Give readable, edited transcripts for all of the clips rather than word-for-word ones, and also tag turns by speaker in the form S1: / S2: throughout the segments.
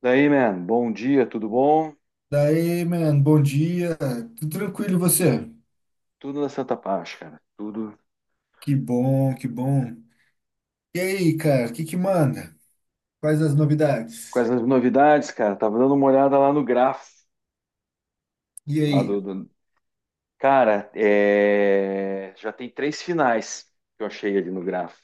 S1: Daí, man, bom dia, tudo bom?
S2: Daí, mano, bom dia. Tudo tranquilo, e você?
S1: Tudo na Santa Paz, cara. Tudo.
S2: Que bom, que bom. E aí, cara, o que que manda? Quais as novidades?
S1: Quais as novidades, cara? Tava dando uma olhada lá no gráfico,
S2: E
S1: lá
S2: aí?
S1: do, do- cara, já tem três finais que eu achei ali no gráfico.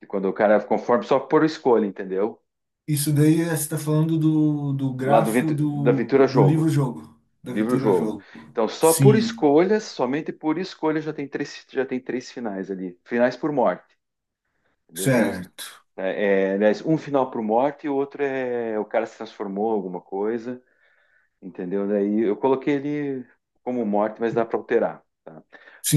S1: E quando o cara, conforme só por escolha, entendeu?
S2: Isso daí você está falando do
S1: Lá do
S2: grafo
S1: Da
S2: do,
S1: Ventura
S2: do
S1: Jogo,
S2: livro-jogo,
S1: do
S2: da
S1: livro Jogo.
S2: aventura-jogo.
S1: Então, só por
S2: Sim,
S1: escolhas, somente por escolha já tem três finais ali. Finais por morte. Entendeu? O final,
S2: certo.
S1: é, aliás, um final para o Morte e o outro é o cara se transformou em alguma coisa, entendeu? Daí eu coloquei ele como Morte, mas dá para alterar, tá?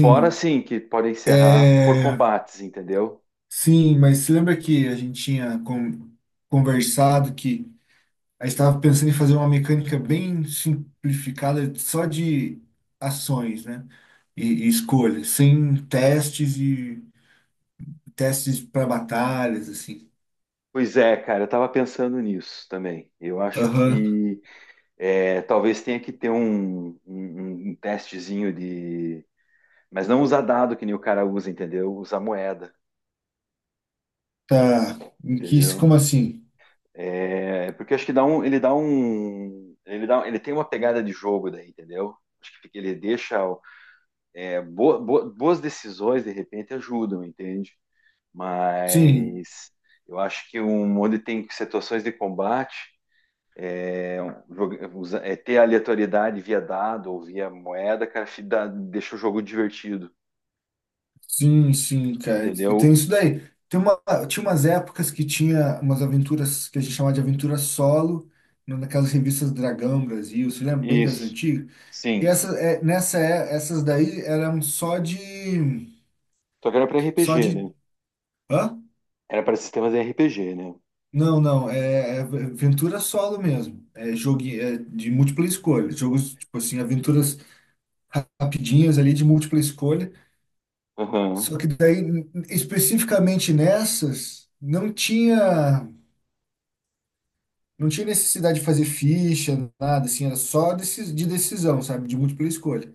S1: Fora sim que pode encerrar por
S2: é...
S1: combates, entendeu?
S2: Sim, mas você lembra que a gente tinha conversado que a gente estava pensando em fazer uma mecânica bem simplificada, só de ações, né? E escolhas, sem testes e testes para batalhas, assim.
S1: Pois é, cara, eu tava pensando nisso também. Eu acho
S2: Aham,
S1: que talvez tenha que ter um testezinho de. Mas não usar dado que nem o cara usa, entendeu? Usar moeda,
S2: tá. Em que,
S1: entendeu?
S2: como assim?
S1: É, porque acho que dá um, ele dá um, ele dá, ele tem uma pegada de jogo daí, entendeu? Acho que ele deixa boas decisões de repente ajudam, entende?
S2: Sim,
S1: Mas eu acho que um onde tem situações de combate, é, ter aleatoriedade via dado ou via moeda, cara, deixa o jogo divertido,
S2: sim, sim, cara. E tem
S1: entendeu?
S2: isso daí. Tem uma, Tinha umas épocas que tinha umas aventuras que a gente chamava de aventura solo, né, naquelas revistas Dragão Brasil, você lembra bem das
S1: Isso,
S2: antigas? E
S1: sim.
S2: essa, nessa, essas daí eram só de
S1: Só que era para RPG,
S2: só
S1: né?
S2: de Hã?
S1: Era para sistemas de RPG, né?
S2: Não, não, é, aventura solo mesmo. É jogo é de múltipla escolha. Jogos, tipo assim, aventuras rapidinhas ali de múltipla escolha.
S1: Aham,
S2: Só que daí, especificamente nessas, não tinha necessidade de fazer ficha, nada, assim, era de decisão, sabe? De múltipla escolha.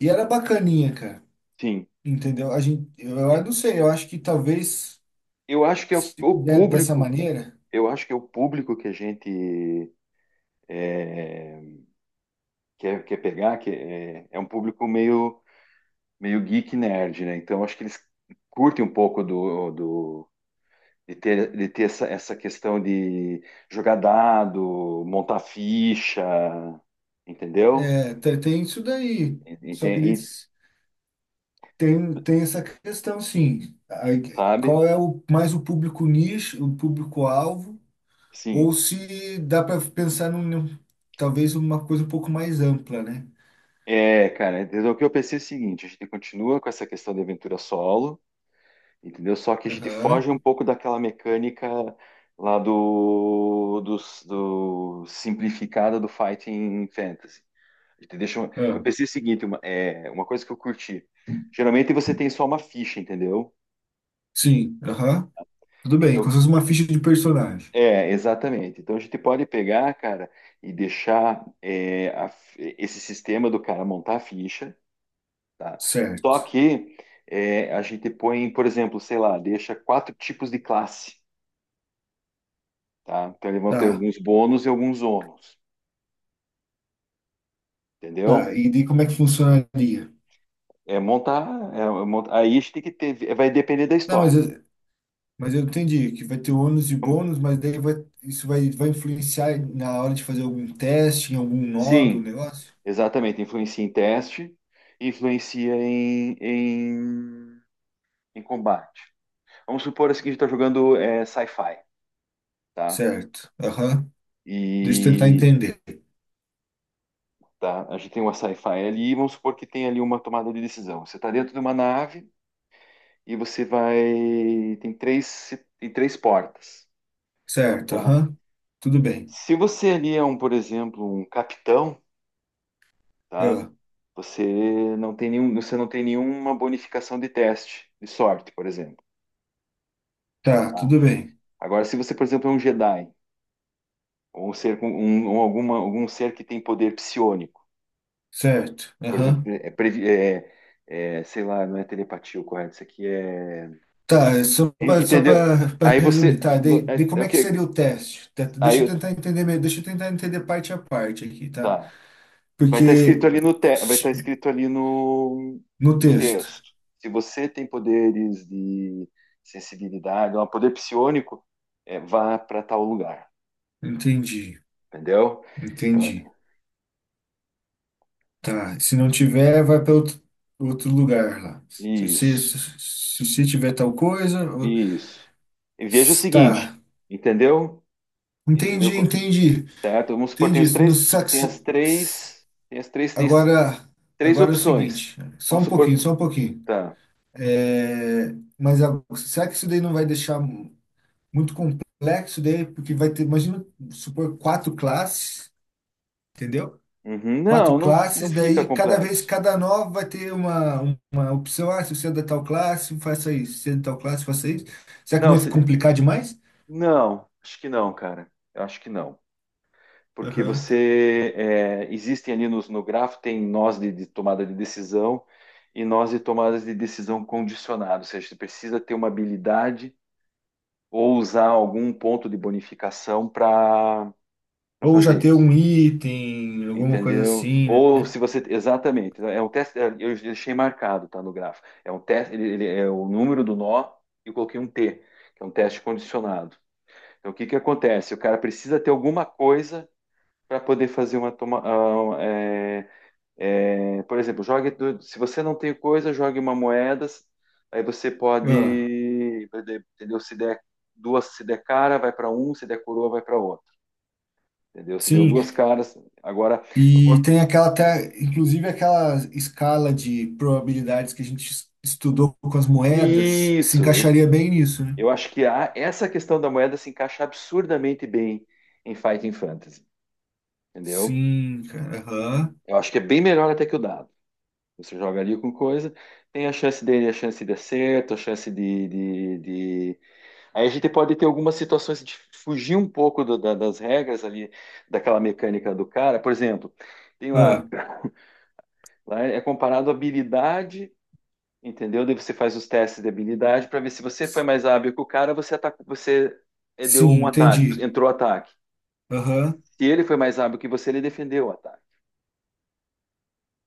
S2: E era bacaninha, cara.
S1: sim.
S2: Entendeu? A gente, eu não sei, eu acho que talvez,
S1: Eu acho que é o
S2: se
S1: o
S2: fizer dessa
S1: público,
S2: maneira,
S1: eu acho que é o público que a gente é, quer pegar, que é um público meio, meio geek nerd, né? Então acho que eles curtem um pouco do de ter essa questão de jogar dado, montar ficha, entendeu?
S2: tem isso daí.
S1: Ente-
S2: Só que
S1: e-
S2: eles. Tem essa questão, sim. Aí,
S1: sabe?
S2: qual é mais o público nicho, o público-alvo,
S1: Sim.
S2: ou se dá para pensar talvez uma coisa um pouco mais ampla, né?
S1: É, cara, então o que eu pensei é o seguinte: a gente continua com essa questão de aventura solo. Entendeu? Só que a gente
S2: Aham.
S1: foge um pouco daquela mecânica lá do simplificada do Fighting Fantasy. A gente deixa, eu
S2: Ah,
S1: pensei o seguinte, uma coisa que eu curti. Geralmente você tem só uma ficha, entendeu?
S2: sim, aham. Tudo bem,
S1: Então,
S2: como se fosse uma ficha de personagem.
S1: exatamente. Então a gente pode pegar, cara, e deixar, esse sistema do cara montar a ficha, tá? Só
S2: Certo.
S1: que, a gente põe, por exemplo, sei lá, deixa quatro tipos de classe, tá? Então, eles vão ter
S2: Tá,
S1: alguns bônus e alguns ônus,
S2: tá.
S1: entendeu?
S2: E daí como é que funcionaria?
S1: É montar, é é montar, aí a gente tem que ter, vai depender da
S2: Não,
S1: história.
S2: mas eu entendi que vai ter ônus e
S1: Como-
S2: bônus, isso vai influenciar na hora de fazer algum teste, em algum nó do
S1: Sim,
S2: negócio?
S1: exatamente, influencia em teste, influencia em combate. Vamos supor assim que a gente está jogando, sci-fi, tá?
S2: Certo. Aham. Deixa eu tentar
S1: E
S2: entender.
S1: tá, a gente tem uma sci-fi ali, e vamos supor que tem ali uma tomada de decisão. Você está dentro de uma nave e você vai, tem três, tem três portas,
S2: Certo,
S1: tá?
S2: aham. Tudo bem.
S1: Se você ali é um, por exemplo, um capitão, tá?
S2: Ah,
S1: Você você não tem nenhuma bonificação de teste de sorte, por exemplo,
S2: tá,
S1: tá?
S2: tudo bem.
S1: Agora, se você, por exemplo, é um Jedi ou um ser com um, ou alguma, algum ser que tem poder psiônico,
S2: Certo,
S1: por exemplo,
S2: aham.
S1: sei lá, não é telepatia o correto, isso aqui é,
S2: Tá, é só para só
S1: entendeu?
S2: para
S1: Aí
S2: resumir,
S1: você,
S2: tá? De,
S1: vo-
S2: de
S1: é, é
S2: como
S1: o
S2: é que
S1: que?
S2: seria o teste? Tá, Deixa eu
S1: Aí,
S2: tentar entender, me- deixa eu tentar entender parte a parte aqui, tá?
S1: tá. Vai estar
S2: Porque
S1: escrito ali no te... vai estar escrito ali no...
S2: no
S1: no
S2: texto,
S1: texto. Se você tem poderes de sensibilidade, é um poder psiônico, vá para tal lugar,
S2: entendi,
S1: entendeu?
S2: entendi.
S1: Então,
S2: Tá, se não tiver, vai para outro lugar lá. Se você
S1: isso,
S2: se tiver tal coisa, ó,
S1: isso. E veja o
S2: tá.
S1: seguinte, entendeu? Entendeu?
S2: Entendi, entendi.
S1: Certo? Vamos supor,
S2: Entendi. No sax...
S1: tem as três, três,
S2: Agora,
S1: três
S2: agora, é o
S1: opções.
S2: seguinte, só
S1: Vamos
S2: um pouquinho,
S1: supor,
S2: só um pouquinho.
S1: tá.
S2: É, mas será que isso daí não vai deixar muito complexo daí? Porque vai ter, imagina, supor, quatro classes, entendeu?
S1: Uhum.
S2: Quatro
S1: Não
S2: classes,
S1: fica
S2: daí cada vez,
S1: complexo.
S2: cada nova vai ter uma opção. Ah, se você é da tal classe, faça isso. Se você é da tal classe, faça isso. Será que
S1: Não,
S2: não vai
S1: se-
S2: complicar demais?
S1: não, acho que não, cara. Eu acho que não. Porque
S2: Aham.
S1: você, existem ali nos, no grafo, tem nós de tomada de decisão e nós de tomadas de decisão condicionado, ou seja, você precisa ter uma habilidade ou usar algum ponto de bonificação para
S2: Ou já
S1: fazer
S2: ter
S1: isso.
S2: um item, alguma coisa
S1: Entendeu?
S2: assim, né?
S1: Ou se você. Exatamente. É um teste. Eu deixei marcado, tá no gráfico. É um teste. Ele é o número do nó e eu coloquei um T, que é um teste condicionado. Então, o que que acontece? O cara precisa ter alguma coisa para poder fazer uma toma, ah, é, É, por exemplo, se você não tem coisa, jogue uma moeda. Aí você
S2: Ah,
S1: pode, entendeu? Se der duas, se der cara, vai para um, se der coroa, vai para outro. Entendeu? Se deu
S2: sim,
S1: duas caras, agora
S2: E tem aquela até, inclusive aquela escala de probabilidades que a gente estudou com as moedas, se
S1: isso. Eu,
S2: encaixaria bem nisso, né?
S1: eu acho que a, essa questão da moeda se encaixa absurdamente bem em Fighting Fantasy, entendeu?
S2: Sim, cara. Aham.
S1: Eu acho que é bem melhor até que o dado. Você joga ali com coisa, tem a chance dele, a chance de acerto, a chance de. Aí a gente pode ter algumas situações de fugir um pouco das regras ali, daquela mecânica do cara. Por exemplo, tem lá,
S2: Ah,
S1: lá é comparado a habilidade, entendeu? Daí você faz os testes de habilidade para ver se você foi mais hábil que o cara, você atacou, você deu
S2: sim,
S1: um ataque,
S2: entendi.
S1: entrou ataque.
S2: Aham.
S1: Se ele foi mais hábil que você, ele defendeu o ataque,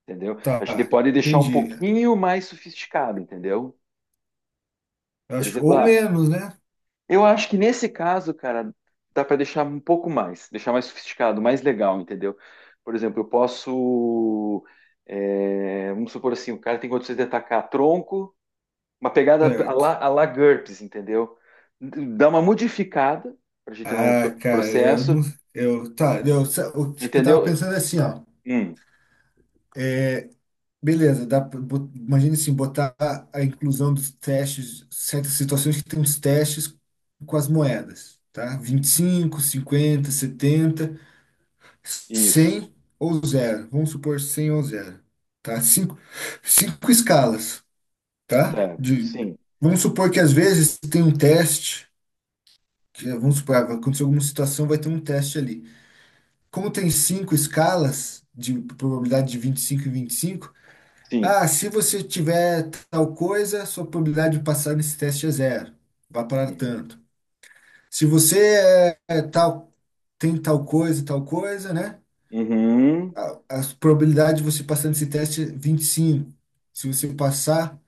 S1: entendeu? A gente
S2: Tá,
S1: pode deixar um
S2: entendi.
S1: pouquinho mais sofisticado, entendeu? Por
S2: Acho,
S1: exemplo,
S2: ou
S1: ah,
S2: menos, né?
S1: eu acho que nesse caso, cara, dá para deixar um pouco mais, deixar mais sofisticado, mais legal, entendeu? Por exemplo, eu posso, vamos supor assim, o cara tem condições de atacar tronco, uma pegada
S2: Certo.
S1: a la GURPS, entendeu? Dá uma modificada para a gente não
S2: Ah, cara, eu não.
S1: processo,
S2: Eu, tá, eu, o que eu tava
S1: entendeu?
S2: pensando é assim, ó.
S1: Hum,
S2: Beleza, imagine assim, botar a inclusão dos testes, certas situações que tem os testes com as moedas, tá? vinte e cinco cinquenta setenta
S1: isso,
S2: cem ou zero. Vamos supor 100 ou zero, tá? Cinco escalas, tá?
S1: certo? Sim,
S2: Vamos supor que às vezes tem um teste, que, vamos supor, ah, vai acontecer alguma situação, vai ter um teste ali. Como tem cinco escalas de probabilidade de 25 e 25.
S1: sim.
S2: Ah, se você tiver tal coisa, sua probabilidade de passar nesse teste é zero. Vá para
S1: Uhum,
S2: tanto. Se você é tal, tem tal coisa, né?
S1: uhum,
S2: a, a probabilidade de você passar nesse teste é 25. Se você passar,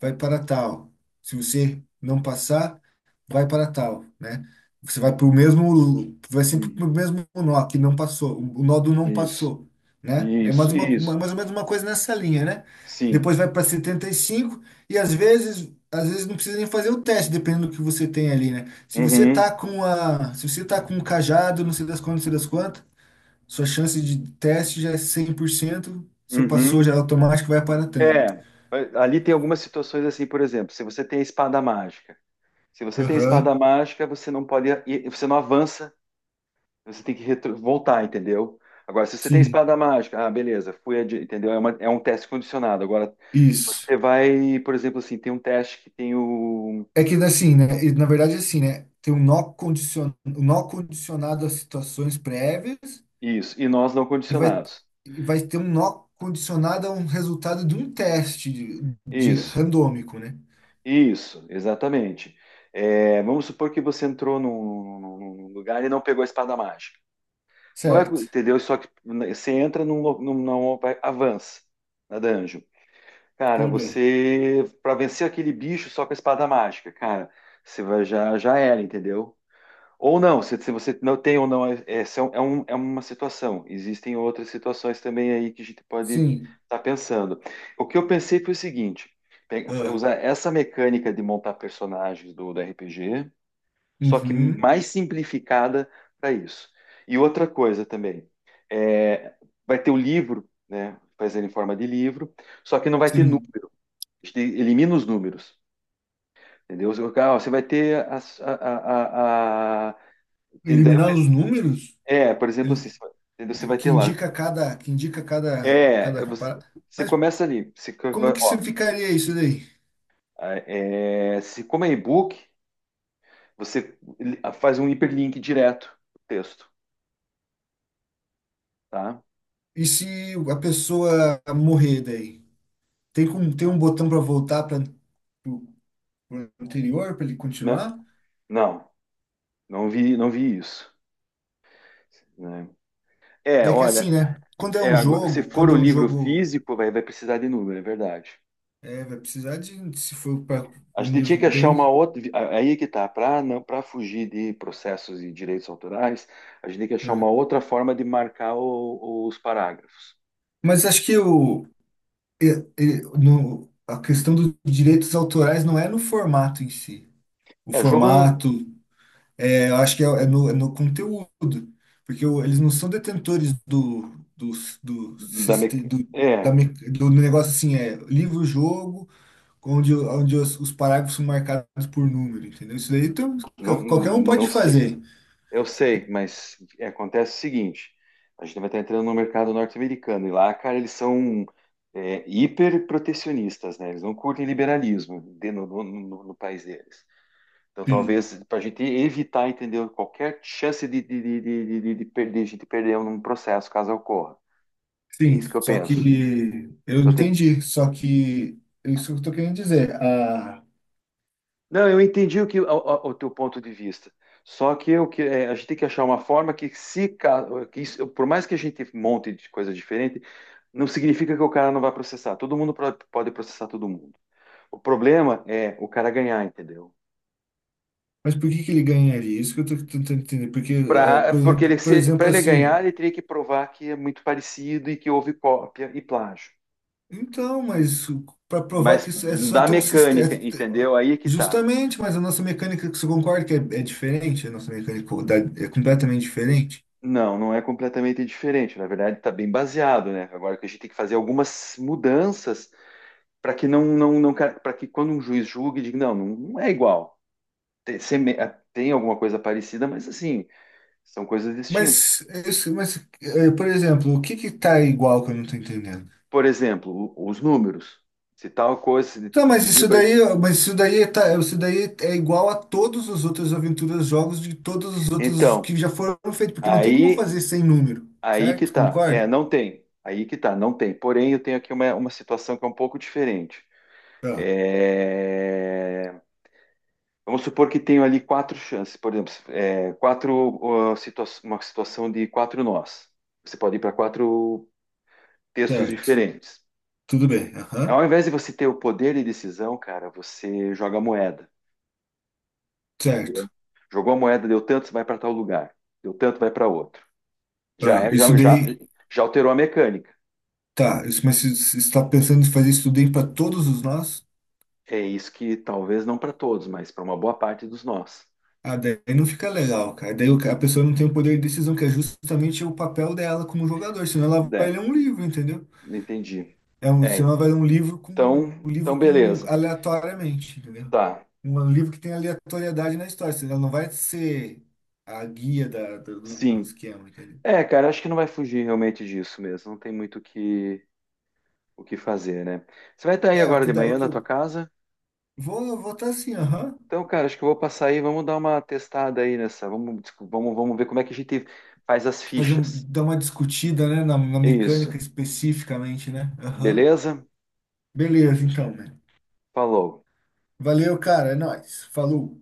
S2: vai para tal. Se você não passar, vai para tal, né? Você vai para o mesmo, vai sempre para
S1: uhum,
S2: o mesmo nó que não passou, o nó do não
S1: isso,
S2: passou, né? É mais
S1: isso, isso.
S2: mais ou menos uma coisa nessa linha, né?
S1: Sim.
S2: Depois vai para 75 e cinco e às vezes não precisa nem fazer o teste, dependendo do que você tem ali, né? Se você
S1: Uhum,
S2: tá com a, se você tá com o cajado, não sei das quantas, não sei das quantas, sua chance de teste já é 100% você passou,
S1: uhum.
S2: já é automático, vai aparatando.
S1: É, ali tem algumas situações assim, por exemplo, se você tem a espada mágica, se você tem a
S2: Aham,
S1: espada mágica, você não pode, e você não avança, você tem que voltar, entendeu? Agora, se você tem a
S2: sim,
S1: espada mágica, ah, beleza, fui, entendeu? É um teste condicionado. Agora,
S2: isso.
S1: você vai, por exemplo, assim, tem um teste que tem o
S2: É que assim, né? Na verdade, assim, né? Tem um nó condicionado a situações prévias
S1: isso e nós não
S2: e vai,
S1: condicionados.
S2: e vai ter um nó condicionado a um resultado de um teste de
S1: Isso,
S2: randômico, né?
S1: isso, exatamente. É, vamos supor que você entrou num lugar e não pegou a espada mágica. Você não vai,
S2: Certo,
S1: entendeu? Só que né, você entra num, avança na dungeon. Cara,
S2: tudo bem.
S1: você para vencer aquele bicho só com a espada mágica, cara, você vai já já era, entendeu? Ou não, se você não tem ou não, é uma situação. Existem outras situações também aí que a gente pode
S2: Sim.
S1: estar pensando. O que eu pensei foi o seguinte:
S2: Ah,
S1: usar essa mecânica de montar personagens do RPG só que
S2: uhum,
S1: mais simplificada para isso. E outra coisa também, é, vai ter o livro, né, fazendo em forma de livro, só que não vai ter
S2: sim.
S1: número, a gente elimina os números, entendeu? Ah, você vai ter tem daí-
S2: Eliminar os números?
S1: por exemplo, assim, entendeu? Você vai
S2: que
S1: ter lá,
S2: indica cada, que indica cada,
S1: é,
S2: cada
S1: é você,
S2: para-
S1: você
S2: Mas
S1: começa ali, você
S2: como
S1: vai,
S2: que se
S1: ó,
S2: ficaria isso daí?
S1: se como é e-book, você faz um hiperlink direto pro texto, tá?
S2: E se a pessoa morrer daí? Tem como tem um botão para voltar para o anterior para ele
S1: Não,
S2: continuar?
S1: não. Não vi isso. Né? É,
S2: É que
S1: olha,
S2: assim, né?
S1: agora, se for
S2: Quando
S1: o
S2: é um
S1: livro
S2: jogo,
S1: físico, vai precisar de número, é verdade.
S2: vai precisar de se for para
S1: A
S2: o
S1: gente tinha
S2: nível
S1: que achar uma
S2: dele.
S1: outra. Aí é que tá, para não, para fugir de processos e direitos autorais, a gente tem que achar uma
S2: É.
S1: outra forma de marcar os parágrafos.
S2: Mas acho que o e- no, a questão dos direitos autorais não é no formato em si. O
S1: É, jogo no-
S2: formato É, eu acho que é no conteúdo, porque eles não são detentores do, do, do,
S1: da
S2: siste-
S1: me-
S2: do, da
S1: é,
S2: me- do negócio assim, é livro-jogo, onde os parágrafos são marcados por número, entendeu? Isso daí então,
S1: não,
S2: qualquer um pode
S1: não sei.
S2: fazer.
S1: Eu sei, mas acontece o seguinte: a gente vai estar entrando no mercado norte-americano e lá, cara, eles são, hiper protecionistas, né? Eles não curtem liberalismo no país deles. Então,
S2: Sim,
S1: talvez para a gente evitar, entendeu, qualquer chance de perder, de gente perder um processo caso ocorra. É
S2: sim,
S1: isso que eu penso. Então, tem.
S2: só que é isso que eu tô querendo dizer.
S1: Não, eu entendi o que o, o teu ponto de vista. Só que eu que a gente tem que achar uma forma que se ca- que isso- por mais que a gente monte de coisa diferente, não significa que o cara não vai processar. Todo mundo pode processar todo mundo. O problema é o cara ganhar, entendeu?
S2: Mas por que que ele ganharia? Isso que eu tô tentando entender. Porque, ah,
S1: Pra, porque ele
S2: por
S1: para
S2: exemplo,
S1: ele ganhar,
S2: assim.
S1: ele teria que provar que é muito parecido e que houve cópia e plágio.
S2: Então, mas para provar
S1: Mas
S2: que isso é só
S1: da
S2: ter um
S1: mecânica,
S2: sistema.
S1: entendeu? Aí é que tá.
S2: Justamente, mas a nossa mecânica, você concorda que é diferente? A nossa mecânica é completamente diferente?
S1: Não, não é completamente diferente. Na verdade, está bem baseado, né? Agora que a gente tem que fazer algumas mudanças para que não, não, não para que quando um juiz julgue, diga, não, não, não é igual. Tem, seme- tem alguma coisa parecida, mas assim, são coisas distintas.
S2: Mas é, por exemplo, o que que tá igual que eu não tô entendendo?
S1: Por exemplo, os números. Se tal coisa se
S2: Tá, mas
S1: decidiu por...
S2: isso daí é igual a todas as outras aventuras, jogos de todos os outros
S1: Então,
S2: que já foram feitos, porque não tem como
S1: aí,
S2: fazer sem número,
S1: aí que
S2: certo?
S1: tá. É,
S2: Concorda?
S1: não tem. Aí que tá, não tem. Porém, eu tenho aqui uma situação que é um pouco diferente.
S2: Ah,
S1: É, vamos supor que tenho ali quatro chances, por exemplo, quatro, ó, uma situação de quatro nós. Você pode ir para quatro textos
S2: certo.
S1: diferentes.
S2: Tudo bem.
S1: Ao
S2: Aham.
S1: invés de você ter o poder de decisão, cara, você joga a moeda, entendeu?
S2: Certo.
S1: Jogou a moeda, deu tanto, você vai para tal lugar. Deu tanto, vai para outro. Já
S2: Ah,
S1: é,
S2: isso
S1: já, já,
S2: daí.
S1: já alterou a mecânica.
S2: Tá, mas se está pensando em fazer isso daí para todos os nós,
S1: É isso que talvez não para todos, mas para uma boa parte dos nós.
S2: ah, daí não fica legal, cara. Daí a pessoa não tem o poder de decisão, que é justamente o papel dela como jogador, senão ela vai
S1: É,
S2: ler um livro, entendeu?
S1: entendi. É,
S2: Senão ela vai ler um livro com um
S1: então,
S2: livro
S1: então
S2: com
S1: beleza.
S2: aleatoriamente, entendeu?
S1: Tá.
S2: Um livro que tem aleatoriedade na história, senão ela não vai ser a guia do
S1: Sim.
S2: esquema, entendeu?
S1: É, cara, acho que não vai fugir realmente disso mesmo. Não tem muito o que fazer, né? Você vai estar aí
S2: É,
S1: agora de
S2: o
S1: manhã
S2: que
S1: na tua
S2: eu
S1: casa?
S2: vou votar assim, aham.
S1: Então, cara, acho que eu vou passar aí, vamos dar uma testada aí nessa, vamos ver como é que a gente faz as
S2: Fazer um,
S1: fichas.
S2: dar uma discutida, né, na
S1: É
S2: mecânica
S1: isso,
S2: especificamente, né? Aham.
S1: beleza?
S2: Beleza, então, mano.
S1: Falou.
S2: Valeu, cara. É nóis. Falou.